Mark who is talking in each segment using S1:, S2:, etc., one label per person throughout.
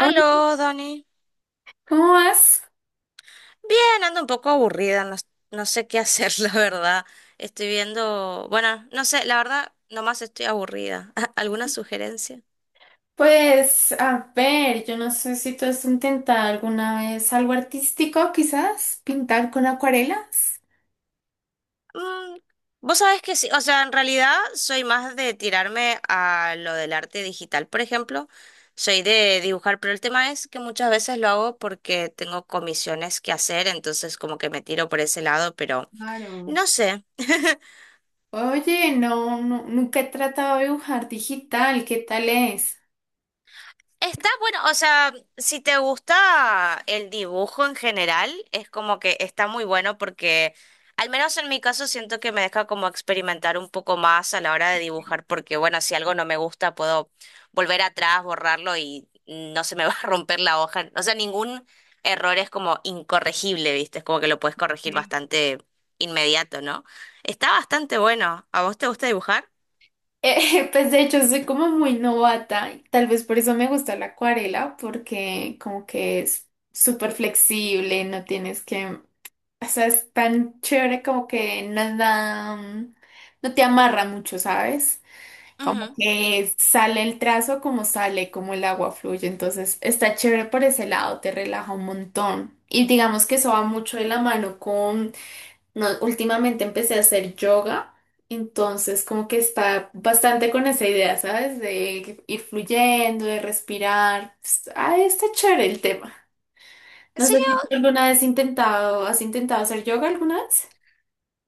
S1: Hola,
S2: Aló, Dani.
S1: ¿cómo vas?
S2: Bien, ando un poco aburrida, no, no sé qué hacer, la verdad. Estoy viendo, bueno, no sé, la verdad, nomás estoy aburrida. ¿Alguna sugerencia?
S1: Pues, a ver, yo no sé si tú has intentado alguna vez algo artístico, quizás, pintar con acuarelas.
S2: Mm, vos sabés que sí, o sea, en realidad soy más de tirarme a lo del arte digital, por ejemplo. Soy de dibujar, pero el tema es que muchas veces lo hago porque tengo comisiones que hacer, entonces como que me tiro por ese lado, pero
S1: Claro.
S2: no sé.
S1: Oye, nunca he tratado de dibujar digital, ¿qué tal es?
S2: Está bueno, o sea, si te gusta el dibujo en general, es como que está muy bueno porque, al menos en mi caso, siento que me deja como experimentar un poco más a la hora de dibujar, porque bueno, si algo no me gusta, puedo volver atrás, borrarlo y no se me va a romper la hoja. O sea, ningún error es como incorregible, ¿viste? Es como que lo puedes corregir
S1: Sí.
S2: bastante inmediato, ¿no? Está bastante bueno. ¿A vos te gusta dibujar?
S1: Pues de hecho soy como muy novata, y tal vez por eso me gusta la acuarela, porque como que es súper flexible, no tienes o sea, es tan chévere como que nada, no te amarra mucho, ¿sabes? Como
S2: Ujú.
S1: que sale el trazo como sale, como el agua fluye. Entonces está chévere por ese lado, te relaja un montón. Y digamos que eso va mucho de la mano con... No, últimamente empecé a hacer yoga, entonces como que está bastante con esa idea, ¿sabes? De ir fluyendo, de respirar. Ah, está chévere el tema.
S2: ¿En
S1: No sé
S2: serio?
S1: si tú alguna vez has intentado hacer yoga alguna vez.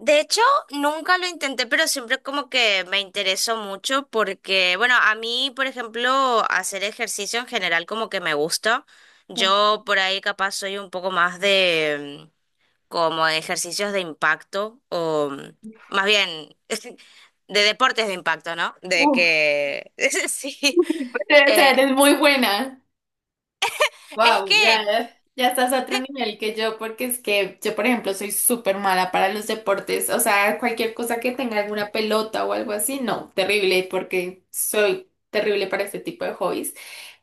S2: De hecho, nunca lo intenté, pero siempre como que me interesó mucho porque, bueno, a mí, por ejemplo, hacer ejercicio en general como que me gusta. Yo por ahí capaz soy un poco más de como de ejercicios de impacto o más bien de deportes de impacto, ¿no? De
S1: Uf,
S2: que, sí,
S1: te traer,
S2: eh,
S1: es muy buena.
S2: es
S1: Wow,
S2: que,
S1: ya estás a otro nivel que yo, porque es que yo, por ejemplo, soy súper mala para los deportes. O sea, cualquier cosa que tenga alguna pelota o algo así, no, terrible, porque soy terrible para este tipo de hobbies.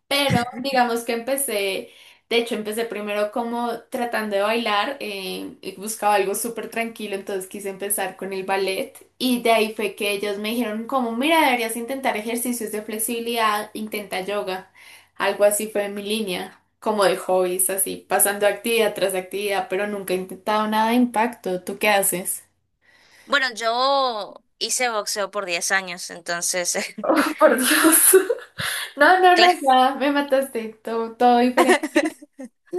S1: Pero digamos que empecé primero como tratando de bailar, y buscaba algo súper tranquilo, entonces quise empezar con el ballet y de ahí fue que ellos me dijeron como, mira, deberías intentar ejercicios de flexibilidad, intenta yoga, algo así fue mi línea, como de hobbies, así, pasando actividad tras actividad, pero nunca he intentado nada de impacto, ¿tú qué haces?
S2: bueno, yo hice boxeo por 10 años, entonces...
S1: Por Dios. No, no, no, ya me mataste, todo diferente.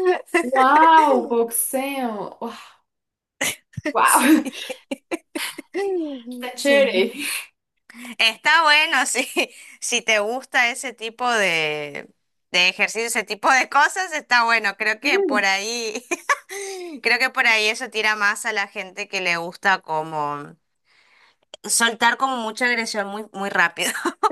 S1: Wow, boxeo.
S2: Sí,
S1: Wow. Está
S2: sí.
S1: chévere.
S2: Está bueno sí. Si te gusta ese tipo de ejercicio, ese tipo de cosas, está bueno. Creo que por ahí, creo que por ahí eso tira más a la gente que le gusta como soltar como mucha agresión muy, muy rápido.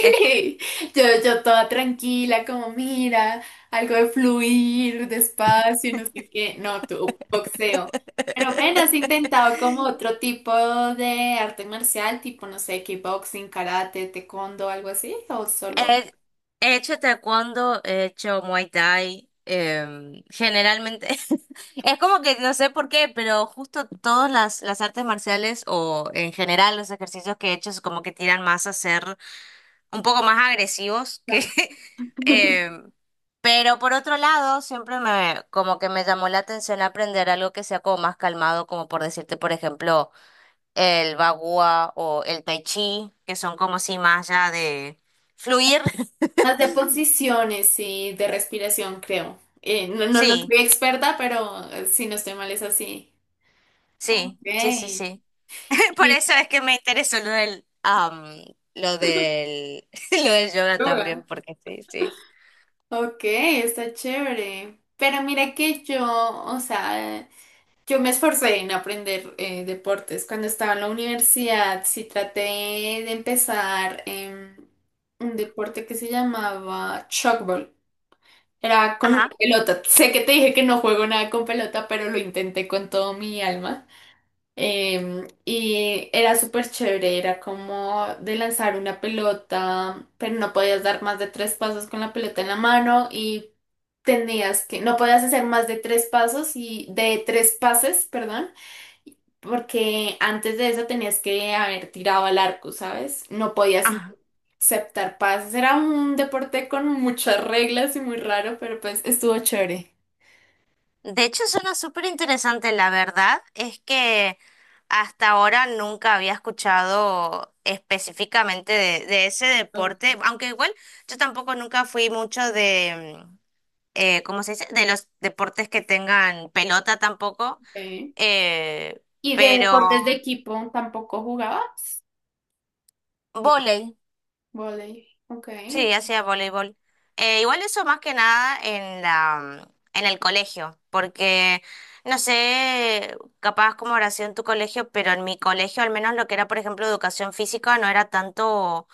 S2: Es-
S1: yo toda tranquila, como mira, algo de fluir despacio, no sé qué. No, tú, boxeo. Pero ven, has intentado como otro tipo de arte marcial, tipo, no sé, kickboxing, karate, taekwondo, algo así, o solo
S2: He, he hecho taekwondo, he hecho muay thai, generalmente. Es como que no sé por qué, pero justo todas las artes marciales o en general los ejercicios que he hecho es como que tiran más a ser un poco más agresivos que... eh, pero por otro lado, siempre me como que me llamó la atención aprender algo que sea como más calmado, como por decirte, por ejemplo, el bagua o el tai chi, que son como si más ya de fluir.
S1: más de posiciones y de respiración, creo. No
S2: Sí,
S1: soy experta, pero si no estoy mal es así.
S2: sí, sí, sí,
S1: Ok.
S2: sí. Por
S1: Y
S2: eso es que me interesó lo del, lo del yoga también,
S1: yoga.
S2: porque sí, sí.
S1: Ok, está chévere. Pero mira que yo, o sea, yo me esforcé en aprender deportes. Cuando estaba en la universidad, sí traté de empezar un deporte que se llamaba shockball. Era con una
S2: Ajá,
S1: pelota. Sé que te dije que no juego nada con pelota, pero lo intenté con todo mi alma. Y era súper chévere, era como de lanzar una pelota, pero no podías dar más de tres pasos con la pelota en la mano y no podías hacer más de tres pasos y de tres pases, perdón, porque antes de eso tenías que haber tirado al arco, ¿sabes? No podías
S2: ajá.
S1: aceptar pases. Era un deporte con muchas reglas y muy raro, pero pues estuvo chévere.
S2: De hecho, suena súper interesante. La verdad es que hasta ahora nunca había escuchado específicamente de ese deporte, aunque igual yo tampoco nunca fui mucho de, ¿cómo se dice? De los deportes que tengan pelota tampoco,
S1: Ok.
S2: eh,
S1: ¿Y de
S2: pero...
S1: deportes de equipo tampoco jugabas? Ok.
S2: Volei.
S1: Voley. Ok.
S2: Sí, hacía voleibol. Igual eso más que nada en la, en el colegio, porque no sé, capaz como habrá sido en tu colegio, pero en mi colegio al menos lo que era, por ejemplo, educación física no era tanto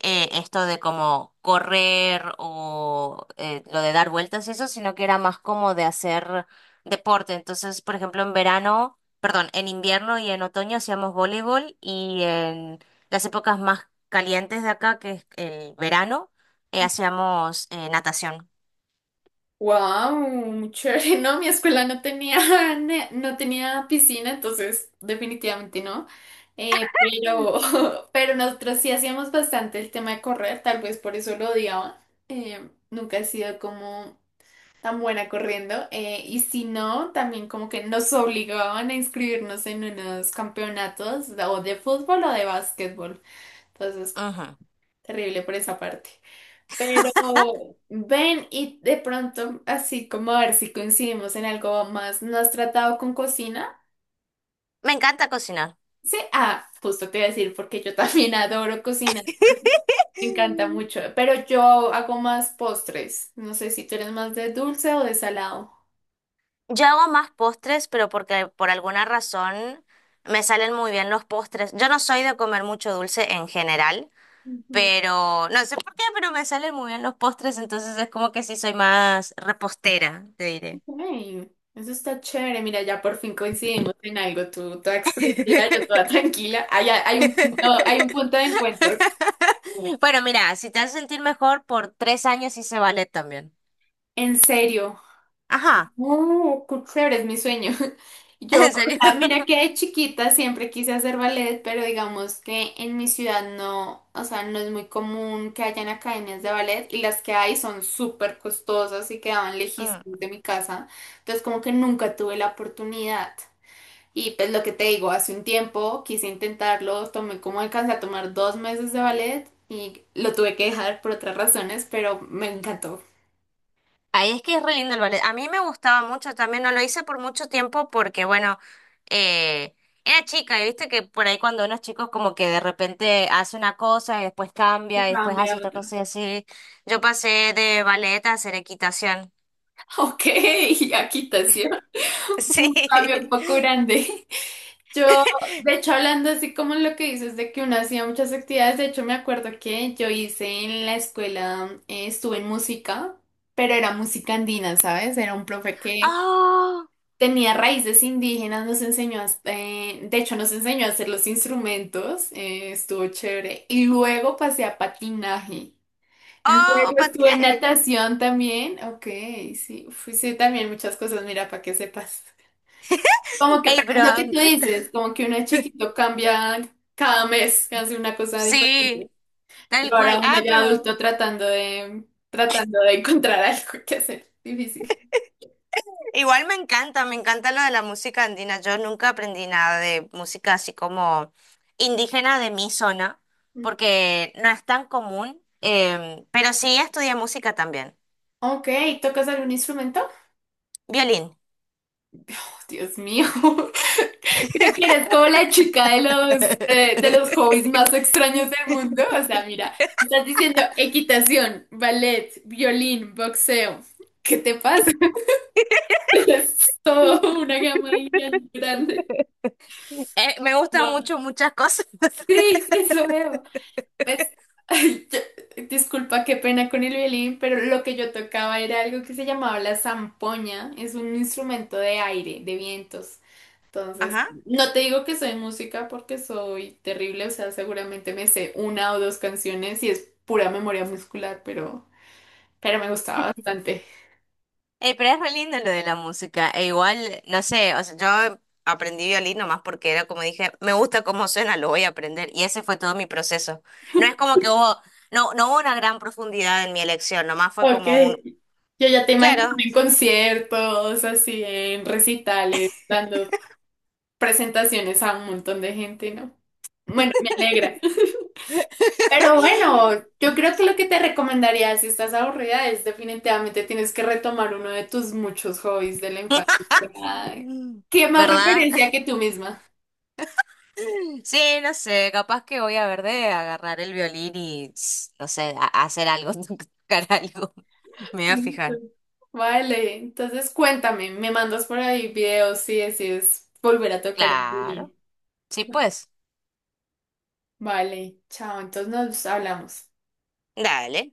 S2: esto de como correr o lo de dar vueltas y eso, sino que era más como de hacer deporte. Entonces, por ejemplo, en verano, perdón, en invierno y en otoño hacíamos voleibol y en las épocas más calientes de acá, que es el verano, hacíamos natación.
S1: Wow, muy chévere. No, mi escuela no tenía, no tenía piscina, entonces definitivamente no. Eh, pero, pero nosotros sí hacíamos bastante el tema de correr, tal vez por eso lo odiaba. Nunca he sido como tan buena corriendo. Y si no, también como que nos obligaban a inscribirnos en unos campeonatos o de fútbol o de básquetbol. Entonces,
S2: Ujú.
S1: terrible por esa parte. Pero ven y de pronto, así como a ver si coincidimos en algo más, ¿no has tratado con cocina?
S2: Me encanta cocinar.
S1: Sí, ah, justo te iba a decir, porque yo también adoro cocinar, me encanta
S2: Mm.
S1: mucho, pero yo hago más postres, no sé si tú eres más de dulce o de salado.
S2: Yo hago más postres, pero porque por alguna razón me salen muy bien los postres. Yo no soy de comer mucho dulce en general,
S1: Ujú,
S2: pero no sé por qué, pero me salen muy bien los postres, entonces es como que sí soy más repostera, te diré.
S1: ok. Eso está chévere, mira, ya por fin coincidimos en algo, tú toda explosiva, yo toda tranquila, hay un punto de encuentro.
S2: Bueno, mira, si te hace sentir mejor, por 3 años hice ballet también.
S1: En serio.
S2: Ajá,
S1: Oh, qué chévere, es mi sueño. Yo, o
S2: en serio.
S1: mira que de chiquita siempre quise hacer ballet, pero digamos que en mi ciudad no, o sea, no es muy común que hayan academias de ballet y las que hay son súper costosas y quedaban
S2: Mm.
S1: lejísimos de mi casa. Entonces, como que nunca tuve la oportunidad. Y pues lo que te digo, hace un tiempo quise intentarlo, tomé como alcancé a tomar 2 meses de ballet y lo tuve que dejar por otras razones, pero me encantó.
S2: Ahí es que es re lindo el ballet. A mí me gustaba mucho también, no lo hice por mucho tiempo porque, bueno, eh, era chica y viste que por ahí cuando uno es chico es como que de repente hace una cosa y después
S1: Y
S2: cambia y después
S1: cambié a
S2: hace otra
S1: otro.
S2: cosa y así. Yo pasé de ballet a hacer equitación.
S1: Ok, aquí te hacía
S2: Sí.
S1: un cambio un poco grande. Yo, de hecho, hablando así como lo que dices de que uno hacía muchas actividades, de hecho me acuerdo que yo hice en la escuela, estuve en música, pero era música andina, ¿sabes? Era un profe que
S2: ¡Oh!
S1: tenía raíces indígenas, de hecho nos enseñó a hacer los instrumentos, estuvo chévere. Y luego pasé a patinaje. Luego
S2: Oh,
S1: estuve en
S2: patinaje.
S1: natación también. Ok, sí, también muchas cosas, mira, para que sepas. Como que,
S2: ¡Ey,
S1: para
S2: pero
S1: lo que
S2: me
S1: tú
S2: encanta!
S1: dices, como que uno de chiquito cambia cada mes, hace una cosa diferente.
S2: Sí,
S1: Y
S2: tal cual.
S1: ahora uno
S2: Ah,
S1: ya
S2: pero
S1: adulto tratando tratando de encontrar algo que hacer. Difícil.
S2: igual me encanta lo de la música andina. Yo nunca aprendí nada de música así como indígena de mi zona,
S1: Mm.
S2: porque no es tan común, em, pero sí estudié música también.
S1: Ok, ¿tocas algún instrumento?
S2: Violín.
S1: Dios mío, creo que eres como la chica de los hobbies más extraños del mundo. O sea, mira, estás diciendo equitación, ballet, violín, boxeo. ¿Qué te pasa? Es todo una gama ahí bien grande.
S2: Me gustan
S1: Wow.
S2: mucho muchas cosas.
S1: Sí, eso veo. Pues, ay, disculpa, qué pena con el violín, pero lo que yo tocaba era algo que se llamaba la zampoña. Es un instrumento de aire, de vientos. Entonces,
S2: Ajá.
S1: no te digo que soy música porque soy terrible, o sea, seguramente me sé una o dos canciones y es pura memoria muscular, pero me gustaba bastante.
S2: Pero es re lindo lo de la música. E igual, no sé, o sea, yo aprendí violín nomás porque era como dije, me gusta cómo suena, lo voy a aprender. Y ese fue todo mi proceso. No es como que hubo, no, no hubo una gran profundidad en mi elección, nomás fue
S1: Ok.
S2: como un,
S1: Yo ya te imagino
S2: claro,
S1: en conciertos, así en recitales, dando presentaciones a un montón de gente, ¿no? Bueno, me alegra. Pero bueno, yo creo que lo que te recomendaría si estás aburrida es definitivamente tienes que retomar uno de tus muchos hobbies de la infancia. Ay, ¿qué más
S2: ¿verdad?
S1: referencia que tú misma?
S2: Sí, no sé, capaz que voy a ver de agarrar el violín y, tss, no sé, a hacer algo, tocar algo. Me voy a
S1: Listo.
S2: fijar.
S1: Vale, entonces cuéntame, me mandas por ahí videos si decides volver a tocar el
S2: Claro.
S1: violín.
S2: Sí, pues.
S1: Vale, chao, entonces nos hablamos.
S2: Dale.